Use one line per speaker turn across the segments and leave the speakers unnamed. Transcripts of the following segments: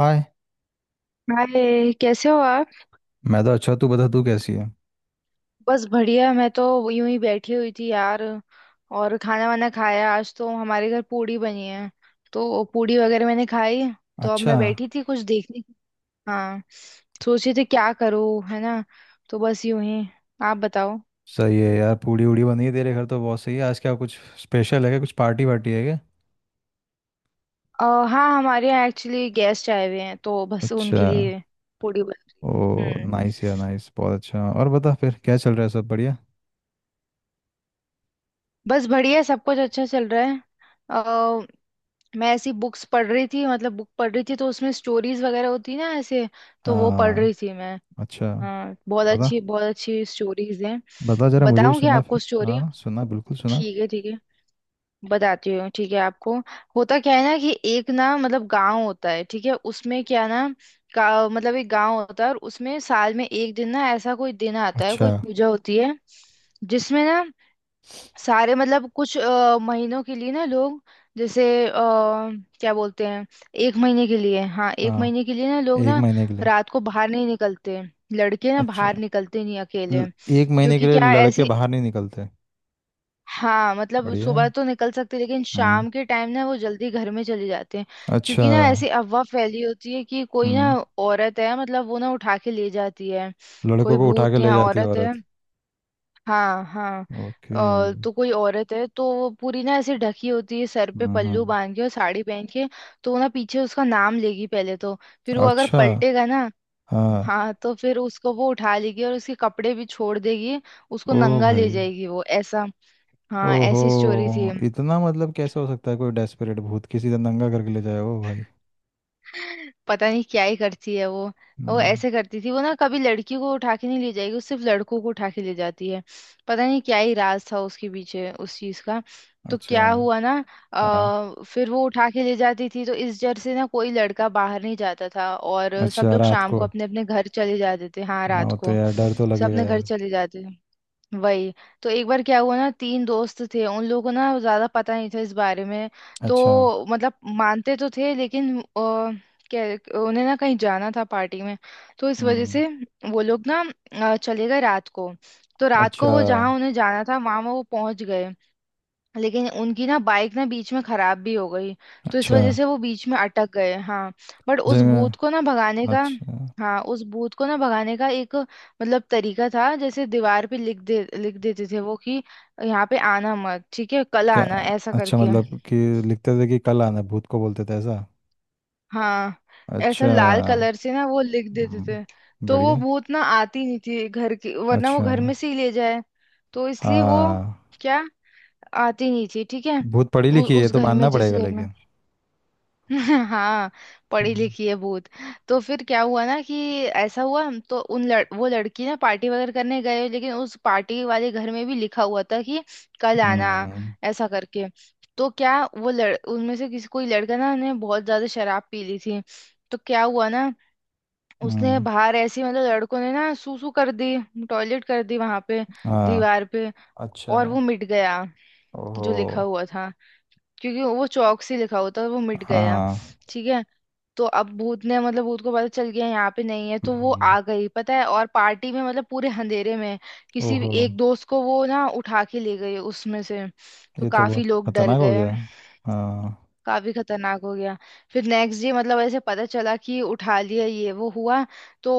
हाय।
Hi कैसे हो आप।
मैं तो अच्छा, तू बता तू कैसी है?
बस बढ़िया मैं तो यूं ही बैठी हुई थी यार। और खाना वाना खाया आज तो हमारे घर पूड़ी बनी है। तो पूड़ी वगैरह मैंने खाई। तो अब
अच्छा,
मैं बैठी थी कुछ देखने की। हाँ। सोच रही थी क्या करूँ है ना। तो बस यूं ही। आप बताओ।
सही है यार। पूड़ी उड़ी बनी है तेरे घर तो बहुत सही है। आज क्या कुछ स्पेशल है? क्या कुछ पार्टी वार्टी है क्या?
अ, हाँ हमारे यहाँ एक्चुअली गेस्ट आए हुए हैं तो बस
अच्छा।
उनके लिए पूड़ी बन
ओ
रही है। हम्म।
नाइस यार नाइस, बहुत अच्छा। और बता फिर क्या चल रहा है, सब बढ़िया?
बस बढ़िया सब कुछ अच्छा चल रहा है। मैं ऐसी बुक्स पढ़ रही थी मतलब बुक पढ़ रही थी तो उसमें स्टोरीज वगैरह होती ना ऐसे। तो वो पढ़
हाँ।
रही थी मैं।
अच्छा।
हाँ
बता
बहुत अच्छी स्टोरीज हैं।
बता जरा मुझे भी
बताऊं क्या
सुना
आपको
फिर।
स्टोरी।
हाँ सुना, बिल्कुल सुना।
ठीक है ठीक है। बताती हूँ ठीक है आपको। होता क्या है ना कि एक ना मतलब गांव होता है ठीक है उसमें क्या ना का मतलब एक गांव होता है और उसमें साल में एक दिन ना ऐसा कोई दिन आता है
अच्छा।
कोई पूजा होती है। जिसमें ना सारे मतलब कुछ महीनों के लिए ना लोग। जैसे अ, क्या बोलते हैं। एक महीने के लिए हाँ एक
हाँ,
महीने के लिए ना लोग
एक
ना
महीने के लिए।
रात को बाहर नहीं निकलते। लड़के ना
अच्छा।
बाहर निकलते नहीं
ल-
अकेले
एक महीने के
क्योंकि
लिए
क्या है,
लड़के
ऐसी।
बाहर नहीं निकलते?
हाँ मतलब
बढ़िया
सुबह
है।
तो निकल सकते लेकिन
हम्म।
शाम के टाइम ना वो जल्दी घर में चले जाते हैं।
अच्छा।
क्योंकि ना ऐसी अफवाह फैली होती है कि कोई ना
हम्म।
औरत है मतलब वो ना उठा के ले जाती है।
लड़कों
कोई
को उठा के
भूत
ले
या
जाती है
औरत है।
औरत?
हाँ हाँ।
ओके।
तो कोई औरत है तो वो पूरी ना ऐसी ढकी होती है सर पे
हम्म,
पल्लू
हम्म।
बांध के और साड़ी पहन के। तो वो ना पीछे उसका नाम लेगी पहले तो। फिर वो अगर
अच्छा।
पलटेगा ना।
हाँ।
हाँ तो फिर उसको वो उठा लेगी और उसके कपड़े भी छोड़ देगी। उसको
ओ
नंगा ले
भाई।
जाएगी वो ऐसा। हाँ
ओहो,
ऐसी स्टोरी थी।
इतना मतलब कैसे हो सकता है? कोई डेस्परेट भूत किसी से नंगा करके ले जाए? ओ भाई।
पता नहीं क्या ही करती है वो। वो
हम्म।
ऐसे करती थी वो ना कभी लड़की को उठा के नहीं ले जाएगी वो सिर्फ लड़कों को उठा के ले जाती है। पता नहीं क्या ही राज था उसके पीछे उस चीज का। तो
अच्छा।
क्या हुआ ना।
हाँ।
फिर वो उठा के ले जाती थी तो इस डर से ना कोई लड़का बाहर नहीं जाता था और सब
अच्छा,
लोग
रात
शाम को
को।
अपने अपने घर चले जाते थे हाँ
हाँ
रात
वो तो
को
यार डर तो
सब
लगेगा
अपने घर
यार।
चले जाते थे। वही। तो एक बार क्या हुआ ना तीन दोस्त थे उन लोगों को ना ज्यादा पता नहीं था इस बारे में।
अच्छा।
तो मतलब मानते तो थे लेकिन क्या उन्हें ना कहीं जाना था पार्टी में। तो इस वजह
हम्म।
से वो लोग ना चले गए रात को। तो रात को
अच्छा।
वो जहाँ उन्हें जाना था वहां वो पहुंच गए। लेकिन उनकी ना बाइक ना बीच में खराब भी हो गई। तो इस
अच्छा।
वजह से वो बीच में अटक गए हाँ। बट उस भूत को
जगह।
ना भगाने का।
अच्छा।
हाँ उस भूत को ना भगाने का एक मतलब तरीका था जैसे दीवार पे लिख देते थे वो कि यहाँ पे आना मत ठीक है कल
क्या?
आना ऐसा
अच्छा
करके।
मतलब कि लिखते थे कि कल आना, भूत को बोलते थे ऐसा?
हाँ ऐसा
अच्छा।
लाल कलर से ना वो लिख देते
हम्म।
थे। तो वो
बढ़िया।
भूत ना आती नहीं थी घर की वरना वो
अच्छा।
घर में से ही ले जाए। तो इसलिए वो
हाँ।
क्या आती नहीं थी ठीक है।
भूत पढ़ी लिखी है, ये
उस
तो
घर में
मानना
जिस
पड़ेगा
घर में
लेकिन।
हाँ पढ़ी
हम्म।
लिखी है भूत। तो फिर क्या हुआ ना कि ऐसा हुआ हम तो उन लड़, वो लड़की ना पार्टी वगैरह करने गए लेकिन उस पार्टी वाले घर में भी लिखा हुआ था कि कल आना
हम्म।
ऐसा करके। तो क्या वो लड़ उनमें से किसी कोई लड़का ना ने बहुत ज्यादा शराब पी ली थी। तो क्या हुआ ना उसने
हम्म।
बाहर ऐसे मतलब लड़कों ने ना सूसू कर दी टॉयलेट कर दी वहां पे
हाँ।
दीवार पे
अच्छा।
और वो मिट गया
ओहो।
जो लिखा हुआ था क्योंकि वो चौक से लिखा हुआ था वो मिट गया।
हाँ।
ठीक है। तो अब भूत ने मतलब भूत को पता चल गया यहाँ पे नहीं है तो वो
हम्म।
आ गई पता है और पार्टी में मतलब पूरे अंधेरे में किसी
ओहो।
एक दोस्त को वो ना उठा के ले गई उसमें से। तो
ये तो
काफी
बहुत
लोग डर
खतरनाक हो
गए।
गया। हाँ।
काफी खतरनाक हो गया। फिर नेक्स्ट डे मतलब ऐसे पता चला कि उठा लिया ये वो हुआ। तो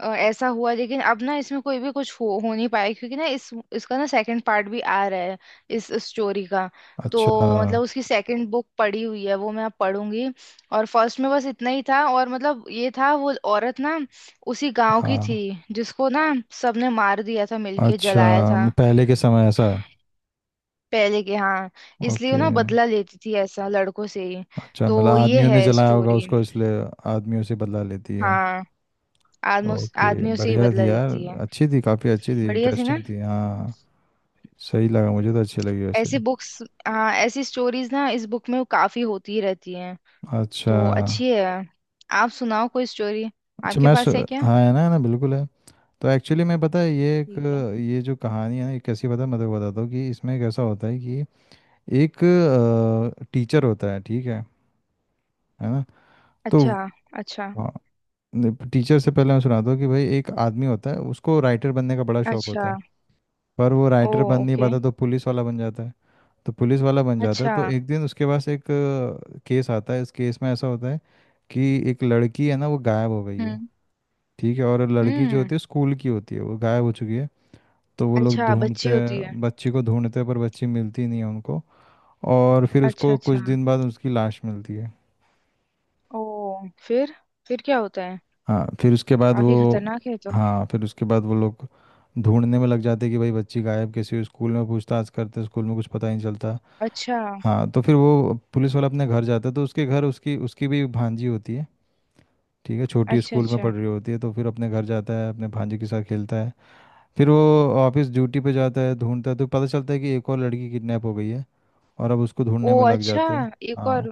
ऐसा हुआ लेकिन अब ना इसमें कोई भी कुछ हो नहीं पाया क्योंकि ना इस इसका ना सेकंड पार्ट भी आ रहा है इस स्टोरी का। तो
अच्छा।
मतलब उसकी सेकंड बुक पड़ी हुई है वो मैं अब पढ़ूंगी। और फर्स्ट में बस इतना ही था और मतलब ये था वो औरत ना उसी गांव की थी
हाँ।
जिसको ना सबने मार दिया था मिलके जलाया
अच्छा,
था।
पहले के समय ऐसा?
पहले के हाँ। इसलिए वो
ओके।
ना बदला लेती थी ऐसा लड़कों से ही।
अच्छा मतलब
तो ये
आदमियों ने
है
जलाया होगा
स्टोरी।
उसको इसलिए? आदमियों से बदला लेती है।
हाँ आदमों
ओके।
आदमियों से ही
बढ़िया
बदला
थी यार।
लेती है।
अच्छी थी, काफ़ी अच्छी थी,
बढ़िया थी ना।
इंटरेस्टिंग थी। हाँ। सही लगा मुझे, तो अच्छी लगी वैसे।
ऐसी बुक्स हाँ ऐसी स्टोरीज ना इस बुक में काफी होती ही रहती हैं।
अच्छा।
तो अच्छी है। आप सुनाओ कोई स्टोरी
अच्छा
आपके
मैं सु...
पास है क्या।
हाँ है ना, है ना, बिल्कुल है। तो एक्चुअली मैं पता है ये एक
ठीक है।
ये जो कहानी है ना, ये कैसी पता है, मैं तो बताता हूँ कि इसमें कैसा होता है कि एक टीचर होता है, ठीक है? है ना? तो
अच्छा। अच्छा।
टीचर से पहले मैं सुनाता हूँ कि भाई एक आदमी होता है, उसको राइटर बनने का बड़ा शौक होता
अच्छा।
है। पर वो
ओ।
राइटर बन नहीं
ओके।
पाता तो पुलिस वाला बन जाता है।
अच्छा।
तो एक दिन उसके पास एक केस आता है। इस केस में ऐसा होता है कि एक लड़की है ना, वो गायब हो गई है।
हम्म
ठीक है, और लड़की जो
हम्म।
होती है स्कूल की होती है, वो गायब हो चुकी है। तो वो लोग
अच्छा
ढूंढते
बच्ची होती है।
हैं बच्ची को ढूंढते हैं पर बच्ची मिलती नहीं है उनको। और फिर
अच्छा
उसको कुछ
अच्छा।
दिन बाद उसकी लाश मिलती है।
ओ। फिर फिर क्या होता है।
हाँ फिर उसके बाद
काफी
वो
खतरनाक है तो।
हाँ फिर उसके बाद वो लोग ढूंढने में लग जाते हैं कि भाई बच्ची गायब कैसी हुई। स्कूल में पूछताछ करते हैं, स्कूल में कुछ पता ही नहीं चलता।
अच्छा।
हाँ तो फिर वो पुलिस वाला अपने घर जाता है तो उसके घर उसकी उसकी भी भांजी होती है। ठीक है, छोटी
अच्छा।
स्कूल में
अच्छा।
पढ़ रही होती है। तो फिर अपने घर जाता है, अपने भांजी के साथ खेलता है। फिर वो ऑफिस ड्यूटी पे जाता है, ढूंढता है तो पता चलता है कि एक और लड़की किडनैप हो गई है। और अब उसको
ओ
ढूंढने में लग
अच्छा।
जाते हैं।
एक
हाँ
और।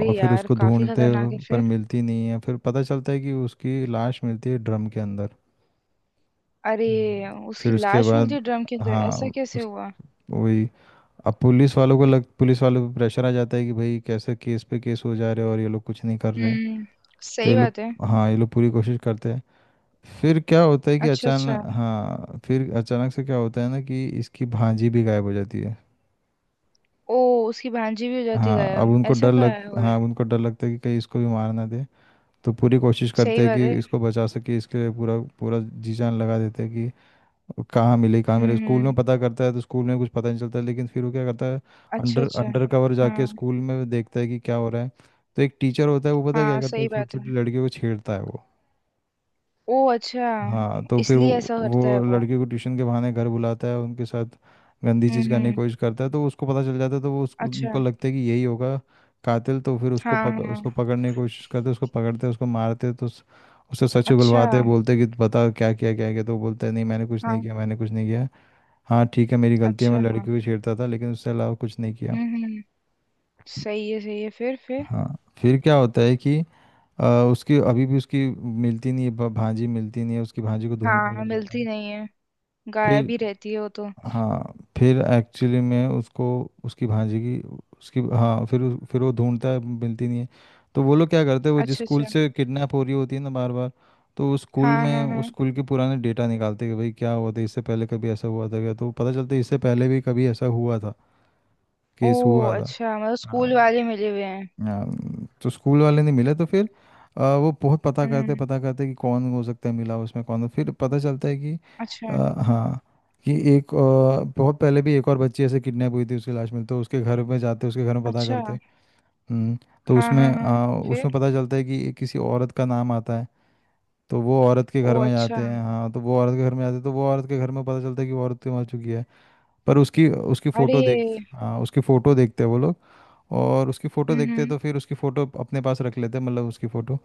और फिर
यार
उसको
काफी
ढूंढते
खतरनाक है
पर
फिर।
मिलती नहीं है। फिर पता चलता है कि उसकी लाश मिलती है ड्रम के अंदर।
अरे।
हम्म।
उसकी
फिर उसके
लाश मिलती
बाद,
है ड्रम के अंदर ऐसा
हाँ
कैसे
उस,
हुआ।
वही, अब पुलिस वालों को लग पुलिस वालों पे प्रेशर आ जाता है कि भाई कैसे केस पे केस हो जा रहे हैं और ये लोग कुछ नहीं कर रहे हैं।
हम्म।
तो
सही
ये लोग,
बात है।
हाँ ये लोग पूरी कोशिश करते हैं। फिर क्या होता है कि
अच्छा। अच्छा।
अचानक हाँ फिर अचानक से क्या होता है ना कि इसकी भांजी भी गायब हो जाती है।
ओ। उसकी भांजी भी हो जाती
हाँ अब
गायब
उनको
ऐसा
डर
क्या
लग
है हो रहा
हाँ अब
है।
उनको डर लगता है कि कहीं इसको भी मार ना दे। तो पूरी कोशिश करते
सही
हैं
बात
कि
है।
इसको बचा सके, इसके लिए पूरा पूरा जी जान लगा देते हैं कि कहाँ मिले कहाँ मिले। स्कूल में
हम्म।
पता करता है तो स्कूल में कुछ पता नहीं चलता है। लेकिन फिर वो क्या करता है,
अच्छा।
अंडर
अच्छा।
अंडर कवर
हाँ
जाके स्कूल में देखता है कि क्या हो रहा है। तो एक टीचर होता है, वो पता है क्या
हाँ
करता है,
सही
छोटी
बात
छोटी
है।
लड़कियों को छेड़ता है वो।
ओ अच्छा।
हाँ तो फिर वो
इसलिए ऐसा करता है
वो
वो।
लड़के को ट्यूशन के बहाने घर बुलाता है, उनके साथ गंदी चीज़ करने की
हम्म।
कोशिश करता है। तो उसको पता चल जाता है तो वो उसको
अच्छा।
उनको लगता है कि यही होगा कातिल। तो फिर उसको
हाँ हाँ।
उसको पकड़ने की कोशिश करते हैं, उसको पकड़ते हैं, उसको मारते हैं तो उससे सच
अच्छा।
उगलवाते हैं, बोलते हैं कि बता क्या किया क्या किया। तो वो बोलता है नहीं मैंने कुछ नहीं
हाँ।
किया, मैंने कुछ नहीं किया। हाँ ठीक है, मेरी गलती है,
अच्छा।
मैं लड़की को छेड़ता था लेकिन उससे अलावा कुछ नहीं किया।
हम्म। सही है फिर फिर।
हाँ फिर क्या होता है कि अ, उसकी अभी भी उसकी मिलती नहीं है, भांजी मिलती नहीं है, उसकी भांजी को ढूंढने में
हाँ
लग जाता
मिलती
है।
नहीं है। गायब
फिर
ही रहती है वो तो।
हाँ फिर एक्चुअली में उसको, उसकी भांजी की उसकी हाँ फिर फिर वो ढूंढता है मिलती नहीं है। तो वो लोग क्या करते हैं, वो जिस
अच्छा अच्छा।
स्कूल से किडनैप हो रही होती है ना बार बार, तो उस स्कूल
हाँ
में
हाँ हाँ।
उस स्कूल के पुराने डेटा निकालते हैं कि भाई क्या हुआ था, इससे पहले कभी ऐसा हुआ था क्या। तो पता चलता है इससे पहले भी कभी ऐसा हुआ था,
ओ
केस हुआ था।
अच्छा मतलब
हाँ,
स्कूल वाले मिले हुए हैं।
आ, तो स्कूल वाले नहीं मिले तो फिर वो बहुत
हम्म।
पता करते कि कौन हो सकता है, मिला उसमें कौन हो। फिर पता चलता है कि,
अच्छा।
आ, हाँ कि एक, बहुत पहले भी एक और बच्ची ऐसे किडनैप हुई थी, उसकी लाश मिलती तो उसके घर में जाते, उसके घर में पता
अच्छा।
करते। हम्म तो
हाँ
उसमें
हाँ हाँ। फिर।
उसमें पता चलता है कि किसी औरत का नाम आता है। तो वो औरत के
ओ
घर में
अच्छा।
जाते हैं, हाँ तो वो औरत के घर में जाते हैं तो वो औरत के घर में पता चलता है कि वो औरत तो मर चुकी है। पर उसकी उसकी
अरे।
फोटो देख, हाँ उसकी फोटो देखते हैं वो लोग। और उसकी फोटो देखते हैं
हम्म।
तो फिर उसकी फोटो अपने पास रख लेते हैं, मतलब उसकी फोटो।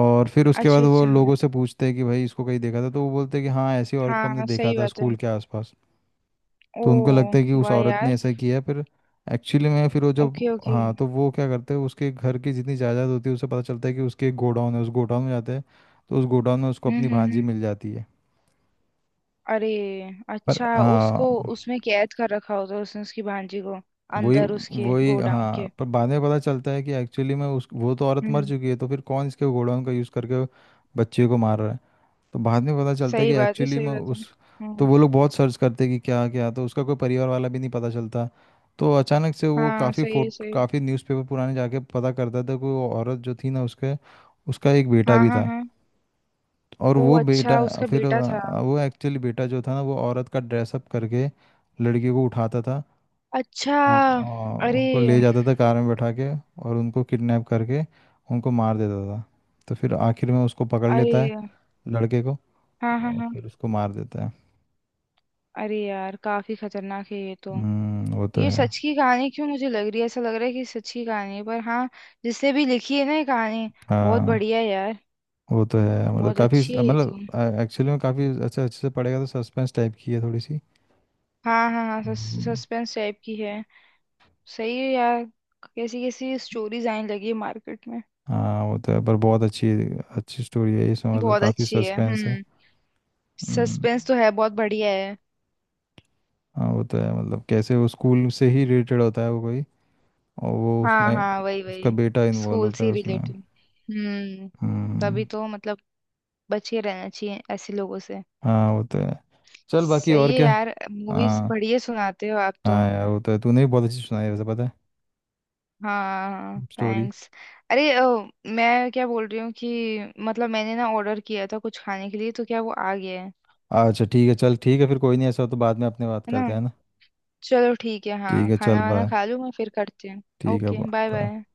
और फिर उसके
अच्छा
बाद वो
अच्छा।
लोगों से पूछते हैं कि भाई इसको कहीं देखा था। तो वो बोलते हैं कि हाँ ऐसी औरत को हमने
हाँ
देखा
सही
था
बात है।
स्कूल के आसपास।
ओ।
तो उनको लगता है कि उस
वाह
औरत ने
यार।
ऐसा किया। फिर एक्चुअली में फिर वो जब
ओके ओके।
हाँ तो वो क्या करते हैं उसके घर की जितनी जायदाद होती है, उसे पता चलता है कि उसके एक गोडाउन है। उस गोडाउन में जाते हैं तो उस गोडाउन में उसको अपनी भांजी
हम्म।
मिल जाती है।
अरे।
पर
अच्छा। उसको
हाँ
उसमें कैद कर रखा होता है उसने उसकी भांजी को
वही
अंदर उसके
वही,
गोडाउन
हाँ
के।
पर बाद में पता चलता है कि एक्चुअली में उस वो तो औरत मर
हम्म।
चुकी है। तो फिर कौन इसके घोड़ों का यूज़ करके बच्चे को मार रहा है? तो बाद में पता चलता है कि
सही बात है
एक्चुअली
सही
में
बात है।
उस तो
हम्म।
वो लोग बहुत सर्च करते हैं कि क्या क्या। तो उसका कोई परिवार वाला भी नहीं पता चलता। तो अचानक से वो
हाँ
काफ़ी
सही है,
फोट
सही है।
काफ़ी न्यूज़पेपर पुराने जाके पता करता था कि वो औरत जो थी ना उसके, उसका एक बेटा
हाँ
भी
हाँ
था।
हाँ।
और
ओ
वो बेटा,
अच्छा उसका
फिर
बेटा था।
वो एक्चुअली बेटा जो था ना वो औरत का ड्रेसअप करके लड़की को उठाता था।
अच्छा।
हाँ, हाँ,
अरे।
उनको ले जाता था कार में बैठा के और उनको किडनैप करके उनको मार देता था। तो फिर आखिर में उसको पकड़ लेता है,
अरे।
लड़के को,
हाँ हाँ
और
हाँ।
फिर उसको मार देता है।
अरे यार काफी खतरनाक है ये तो।
वो तो
ये
है।
सच की कहानी क्यों मुझे लग रही है ऐसा लग रहा है कि सच की कहानी है पर हाँ जिसने भी लिखी है ना ये कहानी बहुत
हाँ
बढ़िया है यार।
वो तो है, मतलब
बहुत
काफ़ी,
अच्छी है ये
मतलब
तो।
एक्चुअली में काफ़ी अच्छा अच्छे से पड़ेगा तो सस्पेंस टाइप की है थोड़ी सी।
हाँ हाँ हाँ
हम्म।
सस्पेंस टाइप की है। सही है यार कैसी कैसी स्टोरीज आने लगी है मार्केट में।
हाँ वो तो है, पर बहुत अच्छी अच्छी स्टोरी है इसमें, मतलब
बहुत
काफ़ी
अच्छी है
सस्पेंस है।
हम्म।
हम्म।
सस्पेंस तो है बहुत बढ़िया है।
हाँ वो तो है, मतलब कैसे वो स्कूल से ही रिलेटेड होता है वो कोई। और वो
हाँ
उसमें,
हाँ वही
उसका
वही।
बेटा इन्वॉल्व
स्कूल
होता
से
है उसमें।
रिलेटेड। हम्म। तभी
हम्म।
तो मतलब बचे रहना चाहिए ऐसे लोगों से।
हाँ वो तो है। चल बाकी
सही
और
है
क्या।
यार मूवीज
हाँ,
बढ़िया सुनाते हो आप तो।
हाँ यार वो तो है, तूने भी बहुत अच्छी सुनाई है वैसे पता है,
हाँ
स्टोरी।
थैंक्स। अरे मैं क्या बोल रही हूँ कि मतलब मैंने ना ऑर्डर किया था कुछ खाने के लिए तो क्या वो आ गया है।
अच्छा ठीक है, चल ठीक है फिर कोई नहीं, ऐसा हो तो बाद में अपने बात
है ना।
करते हैं ना।
चलो ठीक है
ठीक
हाँ
है चल
खाना वाना
बाय।
खा लूँ मैं फिर करती हूँ
ठीक है
ओके बाय
बाय।
बाय।